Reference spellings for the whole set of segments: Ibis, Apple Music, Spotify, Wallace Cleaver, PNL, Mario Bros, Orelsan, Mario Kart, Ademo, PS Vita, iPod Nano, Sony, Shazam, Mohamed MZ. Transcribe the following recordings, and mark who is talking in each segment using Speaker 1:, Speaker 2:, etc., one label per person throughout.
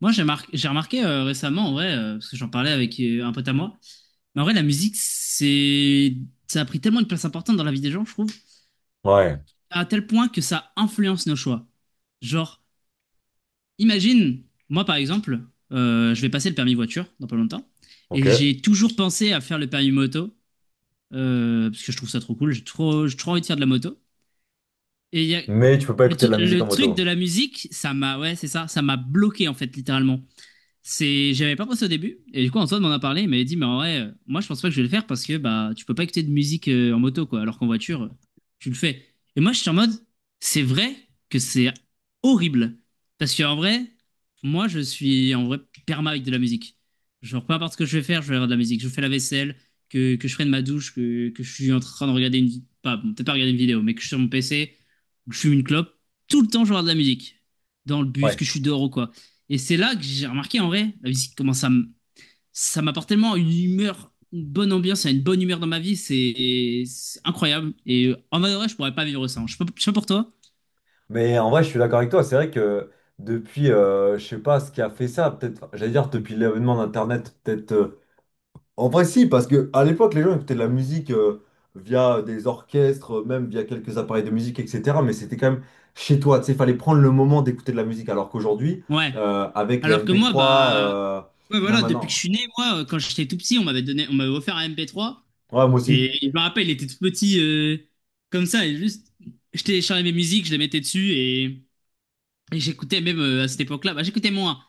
Speaker 1: Moi, j'ai remarqué récemment, en vrai, parce que j'en parlais avec un pote à moi, mais en vrai, la musique, ça a pris tellement une place importante dans la vie des gens, je trouve,
Speaker 2: Ouais,
Speaker 1: à tel point que ça influence nos choix. Genre, imagine, moi, par exemple, je vais passer le permis voiture dans pas longtemps, et
Speaker 2: ok.
Speaker 1: j'ai toujours pensé à faire le permis moto, parce que je trouve ça trop cool, j'ai trop envie de faire de la moto. Et il y a...
Speaker 2: Mais tu peux pas écouter de la musique en
Speaker 1: le truc de
Speaker 2: moto.
Speaker 1: la musique, ouais, c'est ça, ça m'a bloqué, en fait, littéralement. J'avais pas pensé au début, et du coup Antoine m'en a parlé, il m'avait dit mais en vrai, moi je pense pas que je vais le faire parce que bah tu peux pas écouter de musique en moto quoi, alors qu'en voiture tu le fais. Et moi je suis en mode, c'est vrai que c'est horrible parce que en vrai, moi je suis en vrai perma avec de la musique. Genre peu importe ce que je vais faire, je vais avoir de la musique. Je fais la vaisselle, que je prenne ma douche, que je suis en train de regarder pas bon, peut-être pas regarder une vidéo, mais que je suis sur mon PC, que je fume une clope, tout le temps je vais avoir de la musique dans le bus,
Speaker 2: Ouais.
Speaker 1: que je suis dehors ou quoi. Et c'est là que j'ai remarqué en vrai, la musique, comment ça m'apporte tellement une humeur, une bonne ambiance, une bonne humeur dans ma vie, c'est incroyable. Et en vrai, de vrai, je pourrais pas vivre sans. Je sais pas pour toi.
Speaker 2: Mais en vrai, je suis d'accord avec toi. C'est vrai que depuis, je sais pas ce qui a fait ça, peut-être, enfin, j'allais dire depuis l'avènement d'Internet, peut-être. En vrai, si, parce que à l'époque, les gens écoutaient de la musique via des orchestres, même via quelques appareils de musique, etc. Mais c'était quand même chez toi. Tu sais, il fallait prendre le moment d'écouter de la musique. Alors qu'aujourd'hui,
Speaker 1: Ouais.
Speaker 2: avec les
Speaker 1: Alors que
Speaker 2: mp
Speaker 1: moi,
Speaker 2: trois,
Speaker 1: bah, ouais,
Speaker 2: même
Speaker 1: voilà, depuis que je
Speaker 2: maintenant.
Speaker 1: suis né, moi, quand j'étais tout petit, on m'avait offert un MP3.
Speaker 2: Ouais, moi aussi.
Speaker 1: Et je me rappelle, il était tout petit, comme ça, et juste, je téléchargeais mes musiques, je les mettais dessus, et j'écoutais même à cette époque-là, bah, j'écoutais moins.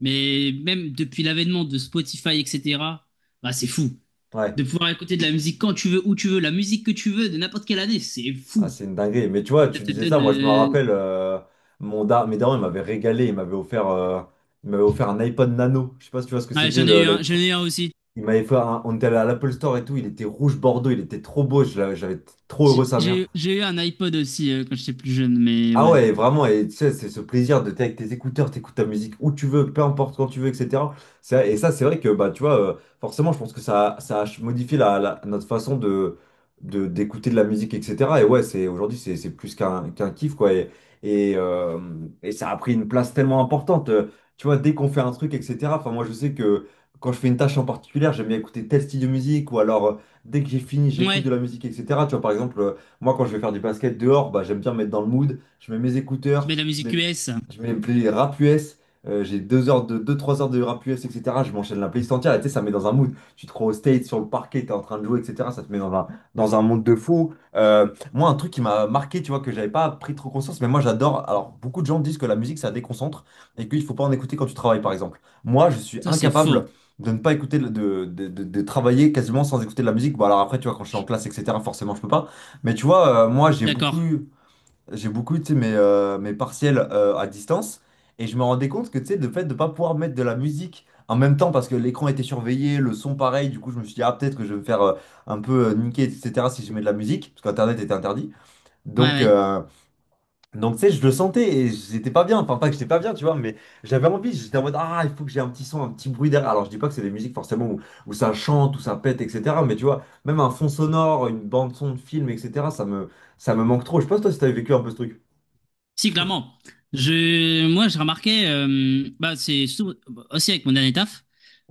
Speaker 1: Mais même depuis l'avènement de Spotify, etc., bah, c'est fou.
Speaker 2: Ouais.
Speaker 1: De pouvoir écouter de la musique quand tu veux, où tu veux, la musique que tu veux, de n'importe quelle année, c'est
Speaker 2: Ah,
Speaker 1: fou.
Speaker 2: c'est une dinguerie. Mais tu vois,
Speaker 1: Ça
Speaker 2: tu
Speaker 1: te
Speaker 2: disais ça,
Speaker 1: donne.
Speaker 2: moi je me rappelle, mon dar mes darons, ils m'avaient régalé, ils m'avaient offert un iPod Nano. Je sais pas si tu vois ce que
Speaker 1: Ouais,
Speaker 2: c'était,
Speaker 1: j'en ai eu un aussi.
Speaker 2: Il m'avait on était allé à l'Apple Store et tout, il était rouge bordeaux, il était trop beau, j'avais été trop heureux sa mère.
Speaker 1: J'ai eu un iPod aussi quand j'étais plus jeune, mais
Speaker 2: Ah
Speaker 1: ouais.
Speaker 2: ouais, vraiment, et tu sais, c'est ce plaisir de t'es avec tes écouteurs, t'écoutes ta musique où tu veux, peu importe quand tu veux, etc. Et ça, c'est vrai que, bah, tu vois, forcément, je pense que ça a modifié notre façon d'écouter de la musique, etc. Et ouais, c'est, aujourd'hui, c'est plus qu'un kiff, quoi. Et, euh, et ça a pris une place tellement importante. Tu vois, dès qu'on fait un truc, etc. Enfin, moi, je sais que quand je fais une tâche en particulier, j'aime bien écouter tel style de musique, ou alors, dès que j'ai fini, j'écoute
Speaker 1: Ouais,
Speaker 2: de la musique, etc. Tu vois, par exemple, moi, quand je vais faire du basket dehors, bah, j'aime bien me mettre dans le mood, je mets mes
Speaker 1: tu
Speaker 2: écouteurs,
Speaker 1: mets de la musique US.
Speaker 2: je mets les rap US, j'ai 2 heures de, deux trois heures de rap US, etc. Je m'enchaîne la playlist entière, et tu sais, ça me met dans un mood. Tu te crois au state, sur le parquet, t'es en train de jouer, etc. Ça te met dans un monde de fou. Moi, un truc qui m'a marqué, tu vois, que j'avais pas pris trop conscience, mais moi j'adore. Alors, beaucoup de gens disent que la musique, ça déconcentre et qu'il faut pas en écouter quand tu travailles, par exemple. Moi, je suis
Speaker 1: Ça, c'est
Speaker 2: incapable
Speaker 1: faux.
Speaker 2: de ne pas écouter, de travailler quasiment sans écouter de la musique. Bon, alors après, tu vois, quand je suis en
Speaker 1: Je-
Speaker 2: classe, etc., forcément, je peux pas. Mais tu vois, moi,
Speaker 1: D'accord.
Speaker 2: j'ai beaucoup, tu sais, mes partiels à distance. Et je me rendais compte que, tu sais, le fait de ne pas pouvoir mettre de la musique en même temps parce que l'écran était surveillé, le son pareil, du coup, je me suis dit, ah, peut-être que je vais me faire un peu niquer, etc., si je mets de la musique, parce qu'Internet était interdit.
Speaker 1: Ouais,
Speaker 2: Donc,
Speaker 1: ouais.
Speaker 2: donc tu sais, je le sentais et j'étais pas bien. Enfin, pas que j'étais pas bien, tu vois, mais j'avais envie, j'étais en mode, ah, il faut que j'ai un petit son, un petit bruit derrière. Alors, je dis pas que c'est des musiques forcément où, où ça chante, où ça pète, etc., mais tu vois, même un fond sonore, une bande-son de film, etc., ça me manque trop. Je pense, toi, si t'avais vécu un peu ce truc.
Speaker 1: Si, clairement. Moi, je remarquais, bah, c'est surtout aussi avec mon dernier taf,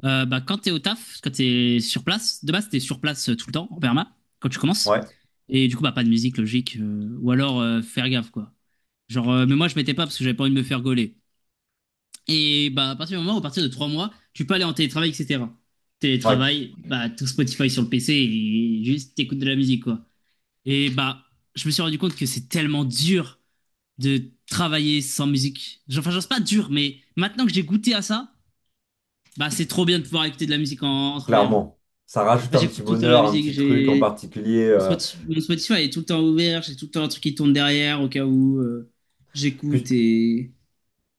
Speaker 1: bah, quand t'es au taf, quand t'es sur place, de base, t'es sur place tout le temps, en perma, quand tu commences.
Speaker 2: Ouais.
Speaker 1: Et du coup, bah, pas de musique, logique, ou alors faire gaffe, quoi. Genre, mais moi, je mettais pas parce que j'avais pas envie de me faire gauler. Et bah, à partir de 3 mois, tu peux aller en télétravail, etc.
Speaker 2: Ouais,
Speaker 1: Télétravail, bah, tout Spotify sur le PC et juste t'écoutes de la musique, quoi. Et bah, je me suis rendu compte que c'est tellement dur de travailler sans musique. Enfin, genre, c'est pas dur, mais maintenant que j'ai goûté à ça, bah, c'est trop bien de pouvoir écouter de la musique en travaillant. Moi,
Speaker 2: clairement. Ça rajoute un petit
Speaker 1: j'écoute tout le temps de la
Speaker 2: bonheur, un
Speaker 1: musique,
Speaker 2: petit truc en
Speaker 1: j'ai.
Speaker 2: particulier.
Speaker 1: Mon Spotify est tout le temps ouvert, j'ai tout le temps un truc qui tourne derrière au cas où
Speaker 2: Plus,
Speaker 1: j'écoute et.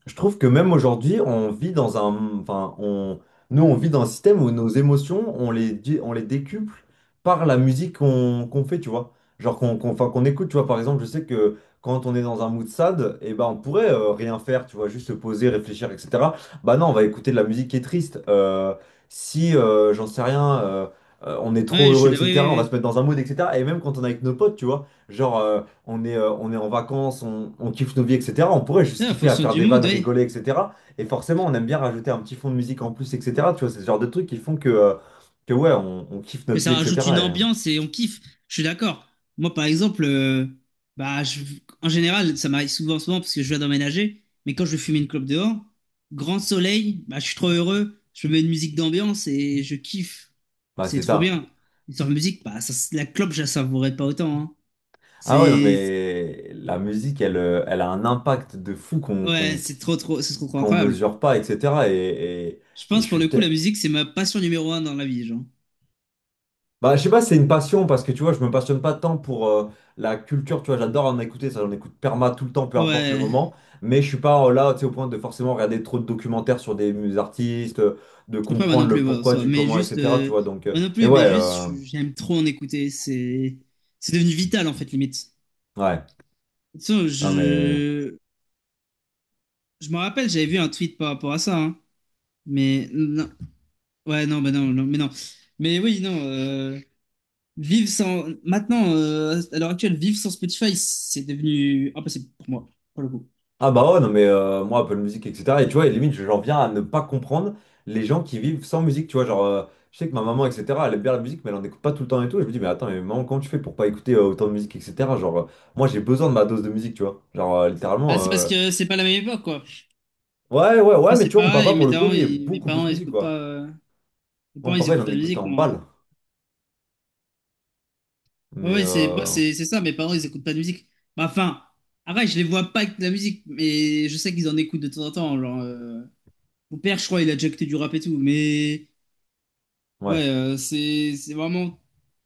Speaker 2: Je trouve que même aujourd'hui, on vit dans un, enfin, on, nous, on vit dans un système où nos émotions, on les décuple par la musique qu'on fait, tu vois. Genre enfin, qu'on écoute, tu vois. Par exemple, je sais que quand on est dans un mood sad, eh ben, on pourrait rien faire, tu vois, juste se poser, réfléchir, etc. Bah non, on va écouter de la musique qui est triste. Si, j'en sais rien, on est trop
Speaker 1: Ouais, je fais
Speaker 2: heureux,
Speaker 1: de la- oui, oui,
Speaker 2: etc., on va se
Speaker 1: oui.
Speaker 2: mettre dans un mood, etc. Et même quand on est avec nos potes, tu vois. Genre, on est en vacances, on kiffe nos vies, etc. On pourrait juste
Speaker 1: Ouais, en
Speaker 2: kiffer à
Speaker 1: fonction
Speaker 2: faire
Speaker 1: du
Speaker 2: des vannes,
Speaker 1: mood, oui.
Speaker 2: rigoler, etc. Et forcément, on aime bien rajouter un petit fond de musique en plus, etc. Tu vois, c'est ce genre de trucs qui font que ouais, on kiffe
Speaker 1: Que
Speaker 2: notre vie,
Speaker 1: ça rajoute une
Speaker 2: etc. Et,
Speaker 1: ambiance et on kiffe. Je suis d'accord. Moi, par exemple, bah, en général, ça m'arrive souvent parce que je viens d'emménager, mais quand je vais fumer une clope dehors, grand soleil, bah, je suis trop heureux, je mets une musique d'ambiance et je kiffe.
Speaker 2: bah,
Speaker 1: C'est
Speaker 2: c'est
Speaker 1: trop
Speaker 2: ça.
Speaker 1: bien. Et sans musique, bah, ça, la clope, je la savourais pas autant, hein.
Speaker 2: Ah ouais, non,
Speaker 1: C'est,
Speaker 2: mais la musique, elle, elle a un impact de fou qu'on
Speaker 1: ouais,
Speaker 2: qu'on
Speaker 1: c'est trop, trop
Speaker 2: qu'on
Speaker 1: incroyable.
Speaker 2: mesure pas, etc.
Speaker 1: Je
Speaker 2: Et je
Speaker 1: pense, pour le
Speaker 2: suis te-
Speaker 1: coup, la musique, c'est ma passion numéro un dans la vie, genre.
Speaker 2: Bah, je sais pas, si c'est une passion parce que tu vois, je me passionne pas tant pour la culture, tu vois, j'adore en écouter, ça j'en écoute perma tout le temps, peu importe le
Speaker 1: Ouais.
Speaker 2: moment, mais je suis pas là, tu sais, au point de forcément regarder trop de documentaires sur des artistes, de
Speaker 1: Après, moi
Speaker 2: comprendre
Speaker 1: non
Speaker 2: le
Speaker 1: plus, ouais, en
Speaker 2: pourquoi,
Speaker 1: soi.
Speaker 2: du
Speaker 1: Mais
Speaker 2: comment,
Speaker 1: juste,
Speaker 2: etc. Tu vois, donc,
Speaker 1: moi non
Speaker 2: mais
Speaker 1: plus, mais juste, j'aime trop en écouter. C'est devenu vital, en fait, limite.
Speaker 2: ouais,
Speaker 1: De toute façon,
Speaker 2: non mais.
Speaker 1: je me rappelle, j'avais vu un tweet par rapport à ça, hein. Mais non, ouais, mais non. Mais oui, non. Vivre sans, maintenant, à l'heure actuelle, vivre sans Spotify, c'est devenu impossible pour moi, pour le coup.
Speaker 2: Ah bah ouais, non mais moi Apple Music, etc. Et tu vois, et limite, j'en viens à ne pas comprendre les gens qui vivent sans musique, tu vois, genre, je sais que ma maman, etc., elle aime bien la musique, mais elle en écoute pas tout le temps et tout, et je me dis, mais attends, mais maman, comment tu fais pour pas écouter autant de musique, etc. Genre, moi j'ai besoin de ma dose de musique, tu vois, genre,
Speaker 1: Ah,
Speaker 2: littéralement,
Speaker 1: c'est parce que c'est pas la même époque, quoi.
Speaker 2: ouais, ouais, ouais,
Speaker 1: Moi,
Speaker 2: mais tu
Speaker 1: c'est
Speaker 2: vois, mon
Speaker 1: pareil.
Speaker 2: papa, pour le coup, lui, est
Speaker 1: Mes
Speaker 2: beaucoup plus
Speaker 1: parents, ils
Speaker 2: musique,
Speaker 1: écoutent pas.
Speaker 2: quoi.
Speaker 1: Mes
Speaker 2: Moi, mon
Speaker 1: parents, ils
Speaker 2: papa, il
Speaker 1: écoutent
Speaker 2: en
Speaker 1: pas de
Speaker 2: écoute
Speaker 1: musique,
Speaker 2: en
Speaker 1: moi, hein.
Speaker 2: balle,
Speaker 1: Ouais
Speaker 2: mais,
Speaker 1: ouais, c'est moi, c'est ça. Mes parents, ils écoutent pas de musique. Bah, enfin, après, je les vois pas avec de la musique, mais je sais qu'ils en écoutent de temps en temps. Genre, mon père, je crois, il a déjà écouté du rap et tout. Mais
Speaker 2: ouais.
Speaker 1: ouais, c'est vraiment,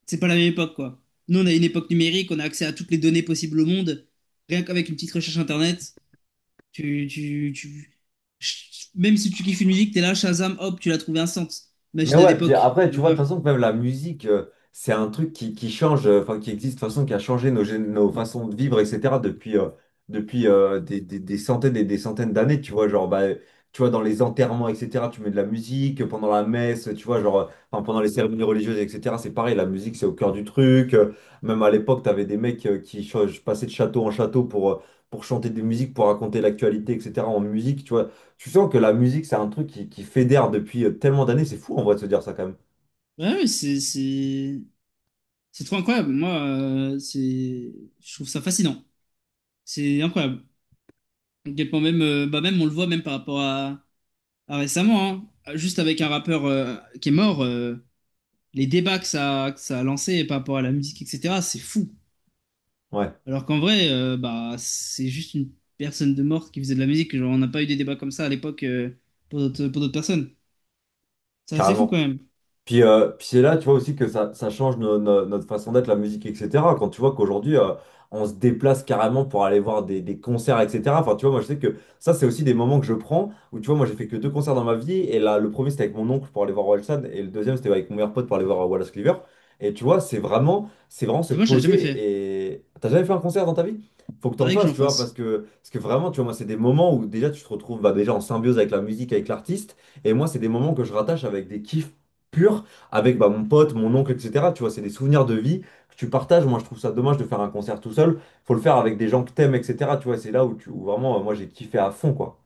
Speaker 1: c'est pas la même époque, quoi. Nous, on a une époque numérique, on a accès à toutes les données possibles au monde. Rien qu'avec une petite recherche internet, tu, même si tu kiffes une musique, t'es là, Shazam, hop, tu l'as trouvé instant.
Speaker 2: Mais
Speaker 1: Imagine à
Speaker 2: ouais, puis
Speaker 1: l'époque,
Speaker 2: après,
Speaker 1: quelle
Speaker 2: tu vois, de
Speaker 1: horreur.
Speaker 2: toute façon, même la musique, c'est un truc qui change, enfin, qui existe, de toute façon, qui a changé nos façons de vivre, etc., depuis, des, des centaines et des centaines d'années, tu vois, genre, bah, tu vois, dans les enterrements, etc., tu mets de la musique, pendant la messe, tu vois, genre, enfin, pendant les cérémonies religieuses, etc., c'est pareil, la musique, c'est au cœur du truc. Même à l'époque, t'avais des mecs qui passaient de château en château pour chanter des musiques, pour raconter l'actualité, etc., en musique, tu vois. Tu sens que la musique, c'est un truc qui fédère depuis tellement d'années. C'est fou en vrai de se dire ça quand même.
Speaker 1: Ouais, ouais, c'est c'est trop incroyable. Moi, je trouve ça fascinant. C'est incroyable. À quel point même, bah même on le voit même par rapport à récemment, hein. Juste avec un rappeur qui est mort, les débats que ça a lancé par rapport à la musique, etc. C'est fou.
Speaker 2: Ouais,
Speaker 1: Alors qu'en vrai, bah c'est juste une personne de mort qui faisait de la musique. Genre, on n'a pas eu des débats comme ça à l'époque pour d'autres personnes. C'est assez fou quand
Speaker 2: carrément.
Speaker 1: même.
Speaker 2: Puis, puis c'est là, tu vois aussi que ça change notre façon d'être, la musique, etc. Quand tu vois qu'aujourd'hui, on se déplace carrément pour aller voir des concerts, etc. Enfin, tu vois, moi, je sais que ça, c'est aussi des moments que je prends où, tu vois, moi, j'ai fait que deux concerts dans ma vie. Et là, le premier, c'était avec mon oncle pour aller voir Orelsan. Et le deuxième, c'était avec mon meilleur pote pour aller voir Wallace Cleaver. Et tu vois, c'est vraiment se
Speaker 1: Et moi, je l'ai jamais fait.
Speaker 2: poser. Et t'as jamais fait un concert dans ta vie? Faut que t'en
Speaker 1: Faudrait que
Speaker 2: fasses,
Speaker 1: j'en
Speaker 2: tu vois,
Speaker 1: fasse.
Speaker 2: parce que vraiment, tu vois, moi, c'est des moments où déjà, tu te retrouves bah, déjà en symbiose avec la musique, avec l'artiste. Et moi, c'est des moments que je rattache avec des kiffs pur avec bah, mon pote, mon oncle, etc. Tu vois, c'est des souvenirs de vie que tu partages. Moi, je trouve ça dommage de faire un concert tout seul. Faut le faire avec des gens que t'aimes, etc. Tu vois, c'est là où, tu, où vraiment, moi, j'ai kiffé à fond, quoi.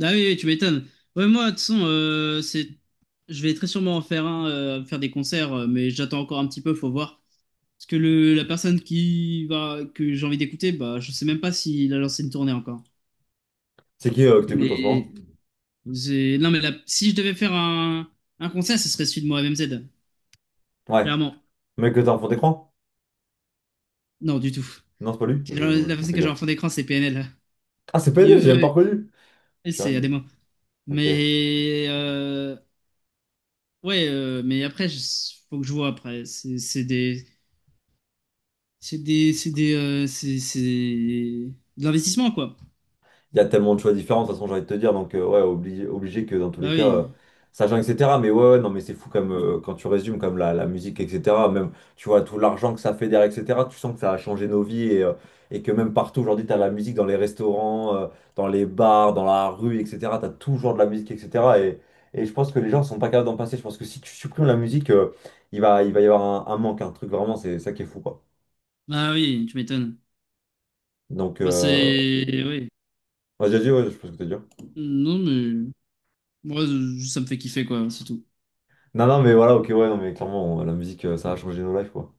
Speaker 1: Ah oui, oui, tu m'étonnes. Ouais, moi, de toute façon, c'est... je vais très sûrement en faire un, faire des concerts, mais j'attends encore un petit peu, faut voir. Parce que la personne qui va, que j'ai envie d'écouter, bah, je sais même pas s'il a lancé une tournée encore.
Speaker 2: C'est qui que t'écoutes en ce
Speaker 1: Mais
Speaker 2: moment?
Speaker 1: non, si je devais faire un concert, ce serait celui de Mohamed MZ,
Speaker 2: Ouais.
Speaker 1: clairement.
Speaker 2: Mec que t'as en fond d'écran?
Speaker 1: Non, du tout.
Speaker 2: Non, c'est pas lui.
Speaker 1: La la
Speaker 2: On
Speaker 1: personne
Speaker 2: fais
Speaker 1: que j'ai
Speaker 2: gaffe.
Speaker 1: en fond d'écran, c'est PNL.
Speaker 2: Ah, c'est
Speaker 1: Ils,
Speaker 2: PNL, j'ai même pas
Speaker 1: eux,
Speaker 2: reconnu. Je suis un
Speaker 1: c'est
Speaker 2: gay.
Speaker 1: Ademo.
Speaker 2: Ok.
Speaker 1: Mais ouais, mais après, faut que je vois après. C'est des, C'est des, c'est des, c'est de l'investissement, quoi.
Speaker 2: Il y a tellement de choix différents, de toute façon, j'ai envie de te dire. Donc, ouais, obligé, obligé que dans tous les
Speaker 1: Bah
Speaker 2: cas,
Speaker 1: oui,
Speaker 2: ça change, etc. Mais ouais, ouais, non, mais c'est fou comme, quand tu résumes, comme la musique, etc. Même, tu vois, tout l'argent que ça fait derrière, etc. Tu sens que ça a changé nos vies et, et que même partout aujourd'hui, tu as la musique dans les restaurants, dans les bars, dans la rue, etc. Tu as toujours de la musique, etc. Et je pense que les gens sont pas capables d'en passer. Je pense que si tu supprimes la musique, il va y avoir un manque, un truc vraiment, c'est ça qui est fou, quoi.
Speaker 1: bah oui, tu m'étonnes.
Speaker 2: Donc,
Speaker 1: Bah c'est, oui.
Speaker 2: vas-y, vas ouais, je pense que tu as dit.
Speaker 1: Non mais, moi, ça me fait kiffer, quoi, c'est tout.
Speaker 2: Non, non, mais voilà, ok, ouais, non, mais clairement, la musique, ça a changé nos lives, quoi.